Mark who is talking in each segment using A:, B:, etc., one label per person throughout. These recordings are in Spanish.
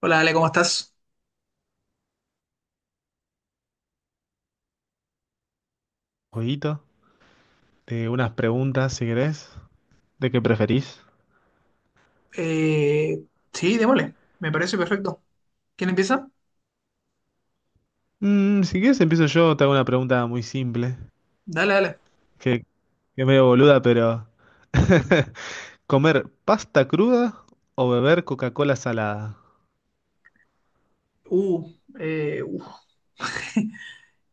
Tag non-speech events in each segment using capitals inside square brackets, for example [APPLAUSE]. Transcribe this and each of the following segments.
A: Hola, Ale, ¿cómo estás?
B: Jueguito de unas preguntas, si querés. ¿De qué preferís?
A: Eh, sí, démosle. Me parece perfecto. ¿Quién empieza?
B: Si querés, empiezo yo. Te hago una pregunta muy simple,
A: Dale, dale.
B: que es medio boluda, pero... [LAUGHS] ¿Comer pasta cruda o beber Coca-Cola salada?
A: Uh, uf.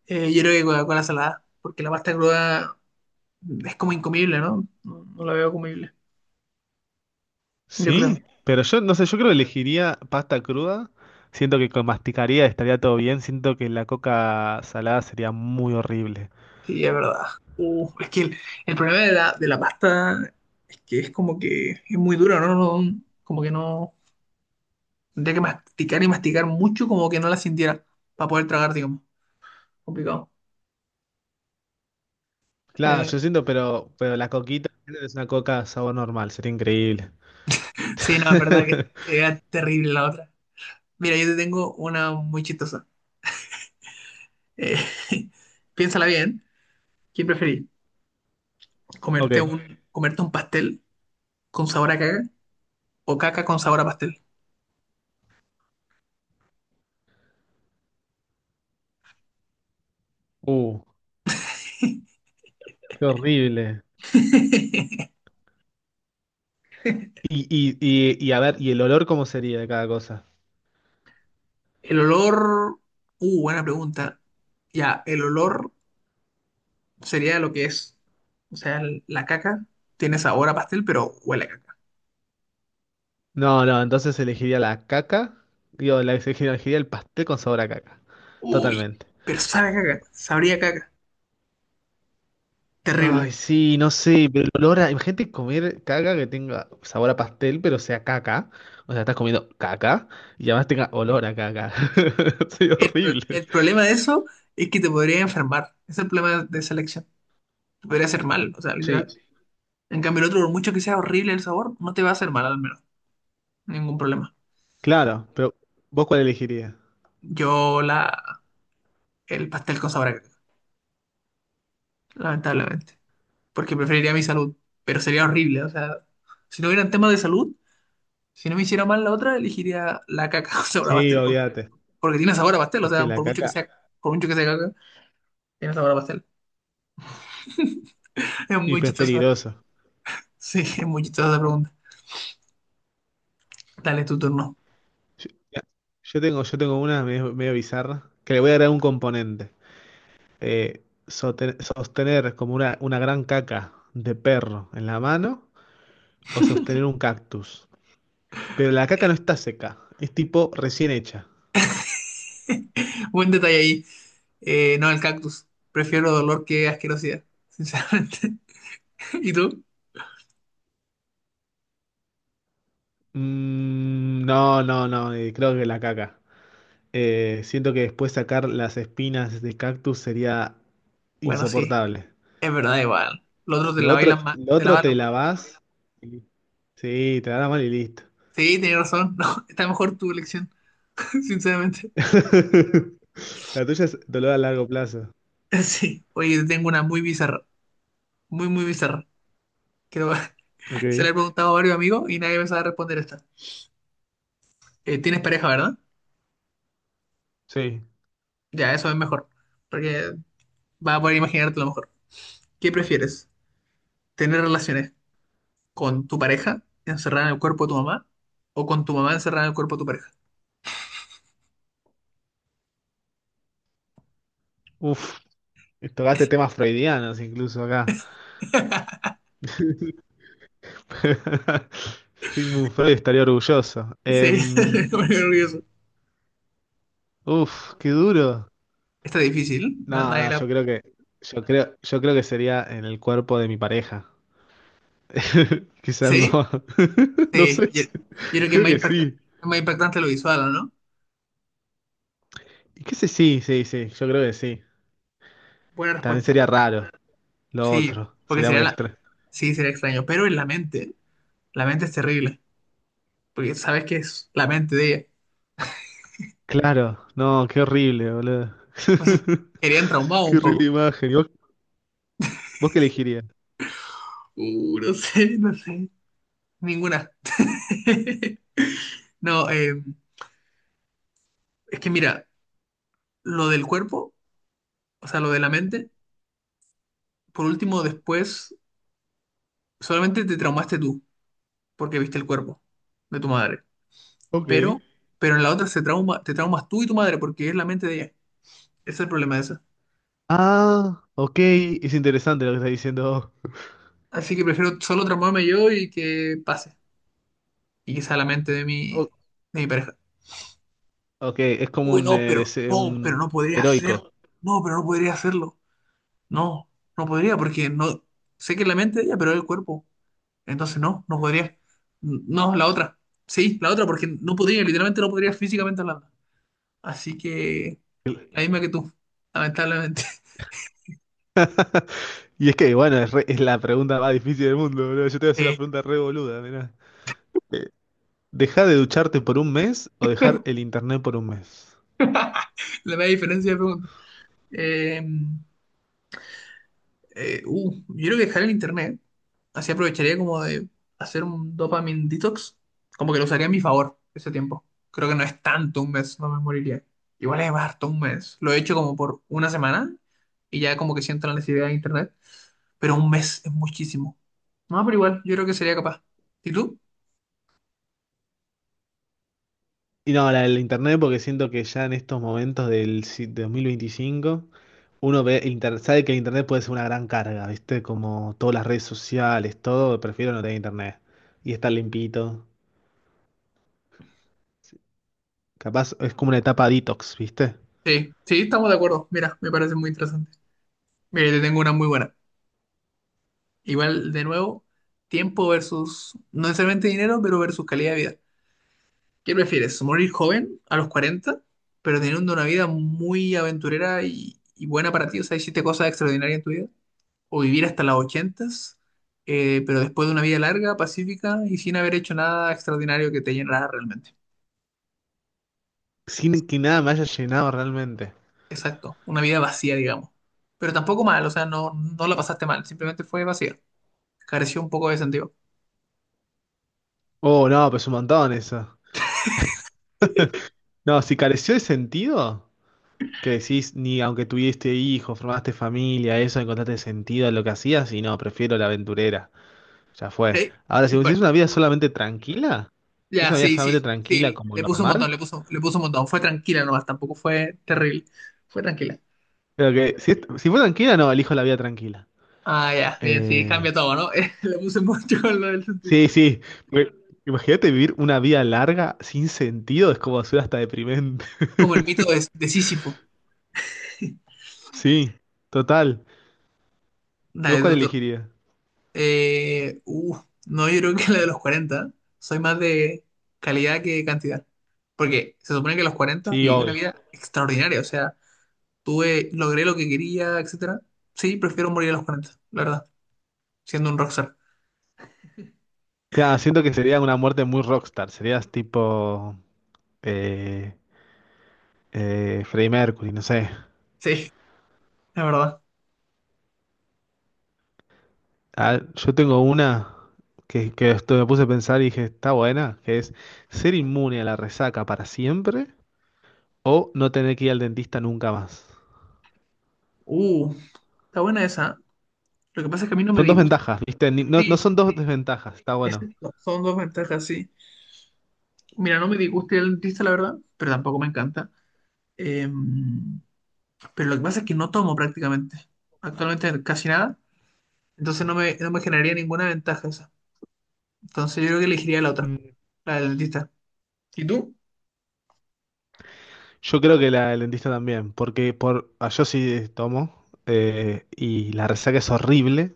A: Yo creo que Coca-Cola salada, porque la pasta cruda es como incomible, ¿no? No, no la veo comible. Yo creo.
B: Sí, pero yo no sé, yo creo que elegiría pasta cruda. Siento que con masticaría estaría todo bien. Siento que la coca salada sería muy horrible.
A: Sí, es verdad. Es que el problema de la pasta es que es como que es muy dura, ¿no? Como que no. Tendría que masticar y masticar mucho, como que no la sintiera para poder tragar, digamos. Complicado.
B: Claro,
A: Eh,
B: yo siento, pero la coquita es una coca sabor normal, sería increíble.
A: [LAUGHS] sí, no, es verdad que
B: [LAUGHS]
A: era terrible la otra. Mira, yo te tengo una muy chistosa. Eh, [LAUGHS] piénsala bien. ¿Quién preferís?
B: Ok.
A: ¿Comerte un, ¿Comerte un pastel con sabor a caca o caca con sabor a pastel?
B: Uh. Qué horrible.
A: [LAUGHS]
B: Y a ver, ¿y el olor cómo sería de cada cosa?
A: El olor... Buena pregunta. Ya, el olor sería lo que es. O sea, la caca tiene sabor a pastel, pero huele a caca.
B: No, no, entonces elegiría la caca. Digo, la elegiría el pastel con sabor a caca.
A: Uy,
B: Totalmente.
A: pero sabe a caca. Sabría a caca. Terrible.
B: Ay, sí, no sé, pero el olor a... Imagínate comer caca que tenga sabor a pastel, pero sea caca. O sea, estás comiendo caca y además tenga olor a caca. [LAUGHS] Sería
A: El, pro-
B: horrible.
A: el problema de eso es que te podría enfermar. Ese es el problema de esa elección. Te podría hacer mal, o sea,
B: Sí,
A: literal. En cambio, el otro, por mucho que sea horrible el sabor, no te va a hacer mal al menos. Ningún problema.
B: claro, pero ¿vos cuál elegirías?
A: Yo la... el pastel con sabor a caca, lamentablemente. Porque preferiría mi salud. Pero sería horrible. O sea, si no hubieran temas de salud, si no me hiciera mal la otra, elegiría la caca [LAUGHS] con sabor a
B: Sí,
A: pastel. Porque,
B: obviate.
A: porque tiene sabor a pastel. O
B: Es que
A: sea,
B: la caca...
A: por mucho que sea caca, tiene sabor a pastel. [LAUGHS] Es
B: Y
A: muy
B: pues es
A: chistosa.
B: peligroso.
A: Sí, es muy chistosa esa pregunta. Dale tu turno.
B: Yo, yo tengo una medio, medio bizarra, que le voy a agregar un componente. Sostener como una gran caca de perro en la mano o sostener un cactus. Pero la caca no está seca, es tipo recién hecha.
A: [LAUGHS] Buen detalle ahí. No, el cactus. Prefiero dolor que asquerosidad, sinceramente. [LAUGHS] ¿Y tú?
B: No, no, no, creo que la caca. Siento que después sacar las espinas de cactus sería
A: Bueno, sí,
B: insoportable.
A: es verdad, igual. Los otros te
B: Lo
A: lavan
B: otro,
A: las manos.
B: lo
A: Te
B: otro
A: lavan
B: te
A: las manos.
B: lavas. Sí, te da mal y listo.
A: Sí, tienes razón. [LAUGHS] No, está mejor tu elección, [LAUGHS] sinceramente.
B: [LAUGHS] La tuya es dolor a largo plazo.
A: Sí. Oye, tengo una muy bizarra. Muy, muy bizarra. Creo que [LAUGHS] se la he
B: Ok.
A: preguntado a varios amigos y nadie me sabe responder esta. ¿Tienes pareja, verdad?
B: Sí.
A: Ya, eso es mejor. Porque vas a poder imaginarte lo mejor. ¿Qué prefieres? ¿Tener relaciones con tu pareja encerrada en el cuerpo de tu mamá o con tu mamá encerrada en el cuerpo de tu pareja?
B: Uf. Tocaste temas freudianos incluso acá. [LAUGHS] Sigmund Freud estaría orgulloso.
A: Sí, [LAUGHS] me pone nervioso.
B: Uf, qué duro.
A: Está difícil.
B: No,
A: Nadie
B: no,
A: la...
B: yo creo que sería en el cuerpo de mi pareja. [LAUGHS] Quizás no.
A: ¿Sí?
B: [LAUGHS] No
A: Sí,
B: sé,
A: yo creo que es
B: creo
A: más
B: que sí.
A: es más impactante lo visual, ¿no?
B: ¿Y qué sé? Sí, sí, sí, yo creo que sí.
A: Buena
B: También
A: respuesta.
B: sería raro. Lo
A: Sí,
B: otro,
A: porque
B: sería muy
A: sería la...
B: extra.
A: Sí, sería extraño, pero en la mente es terrible, porque sabes que es la mente de ella.
B: Claro, no, qué horrible, boludo.
A: Entonces,
B: [LAUGHS]
A: querían traumado
B: Qué
A: un poco.
B: horrible imagen. ¿Y vos, vos qué elegirías?
A: [LAUGHS] No sé, no sé, ninguna. [LAUGHS] No, es que mira, lo del cuerpo, o sea, lo de la mente, por último, después, solamente te traumaste tú, porque viste el cuerpo de tu madre, pero,
B: Ok.
A: pero en la otra se trauma, te traumas tú y tu madre, porque es la mente de ella. Ese es el problema de eso.
B: Ah, ok, es interesante lo que estás diciendo.
A: Así que prefiero solo transformarme yo y que pase. Y que sea la mente
B: O-
A: de mi pareja.
B: ok, es como
A: Uy,
B: un,
A: no, pero no, pero
B: un
A: no podría hacer.
B: heroico.
A: No, pero no podría hacerlo. No, no podría porque no sé que es la mente de ella, pero es el cuerpo. Entonces no, no podría. No, la otra. Sí, la otra porque no podría, literalmente no podría físicamente hablando. Así que la misma que tú, lamentablemente. [LAUGHS]
B: [LAUGHS] Y es que, bueno, es, es la pregunta más difícil del mundo, boludo. Yo te voy a hacer una
A: Eh,
B: pregunta re boluda, mirá. Eh, ¿Dejar de ducharte por un mes o dejar el internet por un mes?
A: la misma diferencia de preguntas. Em, yo creo que dejar el internet, así aprovecharía como de hacer un dopamine detox, como que lo usaría a mi favor ese tiempo. Creo que no es tanto un mes, no me moriría. Igual es harto un mes. Lo he hecho como por una semana y ya como que siento la necesidad de internet, pero un mes es muchísimo. No, pero igual, yo creo que sería capaz. ¿Y tú?
B: Y no, la del internet, porque siento que ya en estos momentos del 2025, uno ve sabe que el internet puede ser una gran carga, ¿viste? Como todas las redes sociales, todo, prefiero no tener internet y estar limpito. Capaz es como una etapa detox, ¿viste?
A: Sí, sí, estamos de acuerdo. Mira, me parece muy interesante. Mira, yo te tengo una muy buena. Igual, de nuevo, tiempo versus, no necesariamente dinero, pero versus calidad de vida. ¿Qué prefieres? ¿Morir joven a los 40, pero teniendo una vida muy aventurera y buena para ti? O sea, hiciste cosas extraordinarias en tu vida. ¿O vivir hasta las 80, pero después de una vida larga, pacífica y sin haber hecho nada extraordinario que te llenara realmente?
B: Sin que nada me haya llenado realmente.
A: Exacto, una vida vacía, digamos. Pero tampoco mal, o sea, no, no la pasaste mal, simplemente fue vacía. Careció un poco de sentido.
B: Oh, no, pues un montón eso. No, si careció de sentido, que decís, ni aunque tuviste hijos, formaste familia, eso, encontraste sentido a lo que hacías, y no, prefiero la aventurera. Ya fue.
A: ¿Ok?
B: Ahora,
A: Y
B: si
A: bueno,
B: es una vida solamente tranquila, si es
A: ya,
B: una vida
A: sí,
B: solamente
A: sí,
B: tranquila
A: sí,
B: como
A: le puso un montón,
B: normal,
A: le puso un montón. Fue tranquila nomás, tampoco fue terrible. Fue tranquila.
B: creo que si, si fue tranquila, no, elijo la vida tranquila.
A: Ah, ya, bien, sí, cambia
B: Eh,
A: todo, ¿no? [LAUGHS] Le puse mucho con lo del sentido.
B: sí, sí, porque imagínate vivir una vida larga sin sentido, es como ser hasta deprimente. [LAUGHS]
A: Como el mito de Sísifo,
B: Sí, total. ¿Y
A: la
B: vos
A: de
B: cuál
A: Tutor.
B: elegirías?
A: Eh, uh, no, yo creo que la de los 40. Soy más de calidad que cantidad. Porque se supone que a los 40
B: Sí,
A: viví una
B: obvio.
A: vida extraordinaria. O sea, tuve, logré lo que quería, etcétera. Sí, prefiero morir a los 40, la verdad. Siendo un rockstar.
B: Claro, siento que sería una muerte muy rockstar, serías tipo eh, Freddie Mercury, no sé.
A: Sí, la verdad.
B: Ah, yo tengo una que esto me puse a pensar y dije, está buena, que es ser inmune a la resaca para siempre o no tener que ir al dentista nunca más.
A: Uh, Está buena esa. Lo que pasa es que a mí no me
B: Son dos
A: disgusta.
B: ventajas, ¿viste? No, no
A: Sí,
B: son dos
A: sí.
B: desventajas, está
A: es-
B: bueno.
A: Son dos ventajas, sí. Mira, no me disgusta el dentista, la verdad, pero tampoco me encanta. Eh, pero lo que pasa es que no tomo prácticamente, actualmente casi nada, entonces no me, no me generaría ninguna ventaja esa. Entonces yo creo que elegiría la otra,
B: Mm.
A: la del dentista. ¿Y tú?
B: Yo creo que la del dentista también, porque por, ah, yo sí tomo y la resaca es horrible,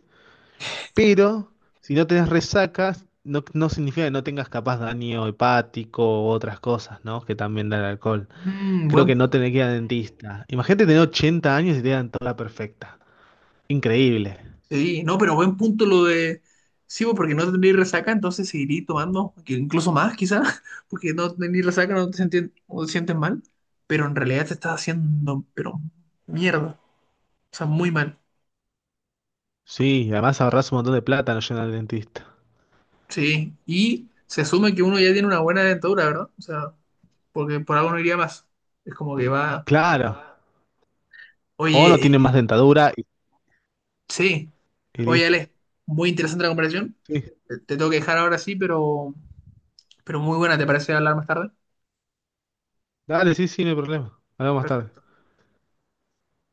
B: pero si no tenés resacas, no, no significa que no tengas capaz daño hepático u otras cosas, ¿no? Que también da el alcohol.
A: Mm,
B: Creo que
A: buen,
B: no tener que ir al dentista. Imagínate tener 80 años y te dan toda perfecta. Increíble.
A: sí, no, pero buen punto lo de... Sí, pues, porque no tendría resaca, entonces seguiría tomando, que incluso más quizás, [LAUGHS] porque no tendría resaca, no te sientes, no te sientes mal, pero en realidad te estás haciendo, pero mierda, o sea, muy mal.
B: Sí, y además ahorras un montón de plata no yendo al dentista.
A: Sí, y se asume que uno ya tiene una buena dentadura, ¿verdad? O sea, porque por algo no iría más. Es como que va,
B: Claro. O no
A: oye,
B: tienen más dentadura
A: sí,
B: y
A: oye,
B: listo.
A: Ale, muy interesante la conversación.
B: Sí.
A: Te tengo que dejar ahora sí, pero muy buena, ¿te parece hablar más tarde?
B: Dale, sí, sí, no hay problema. Hablamos más tarde.
A: Perfecto.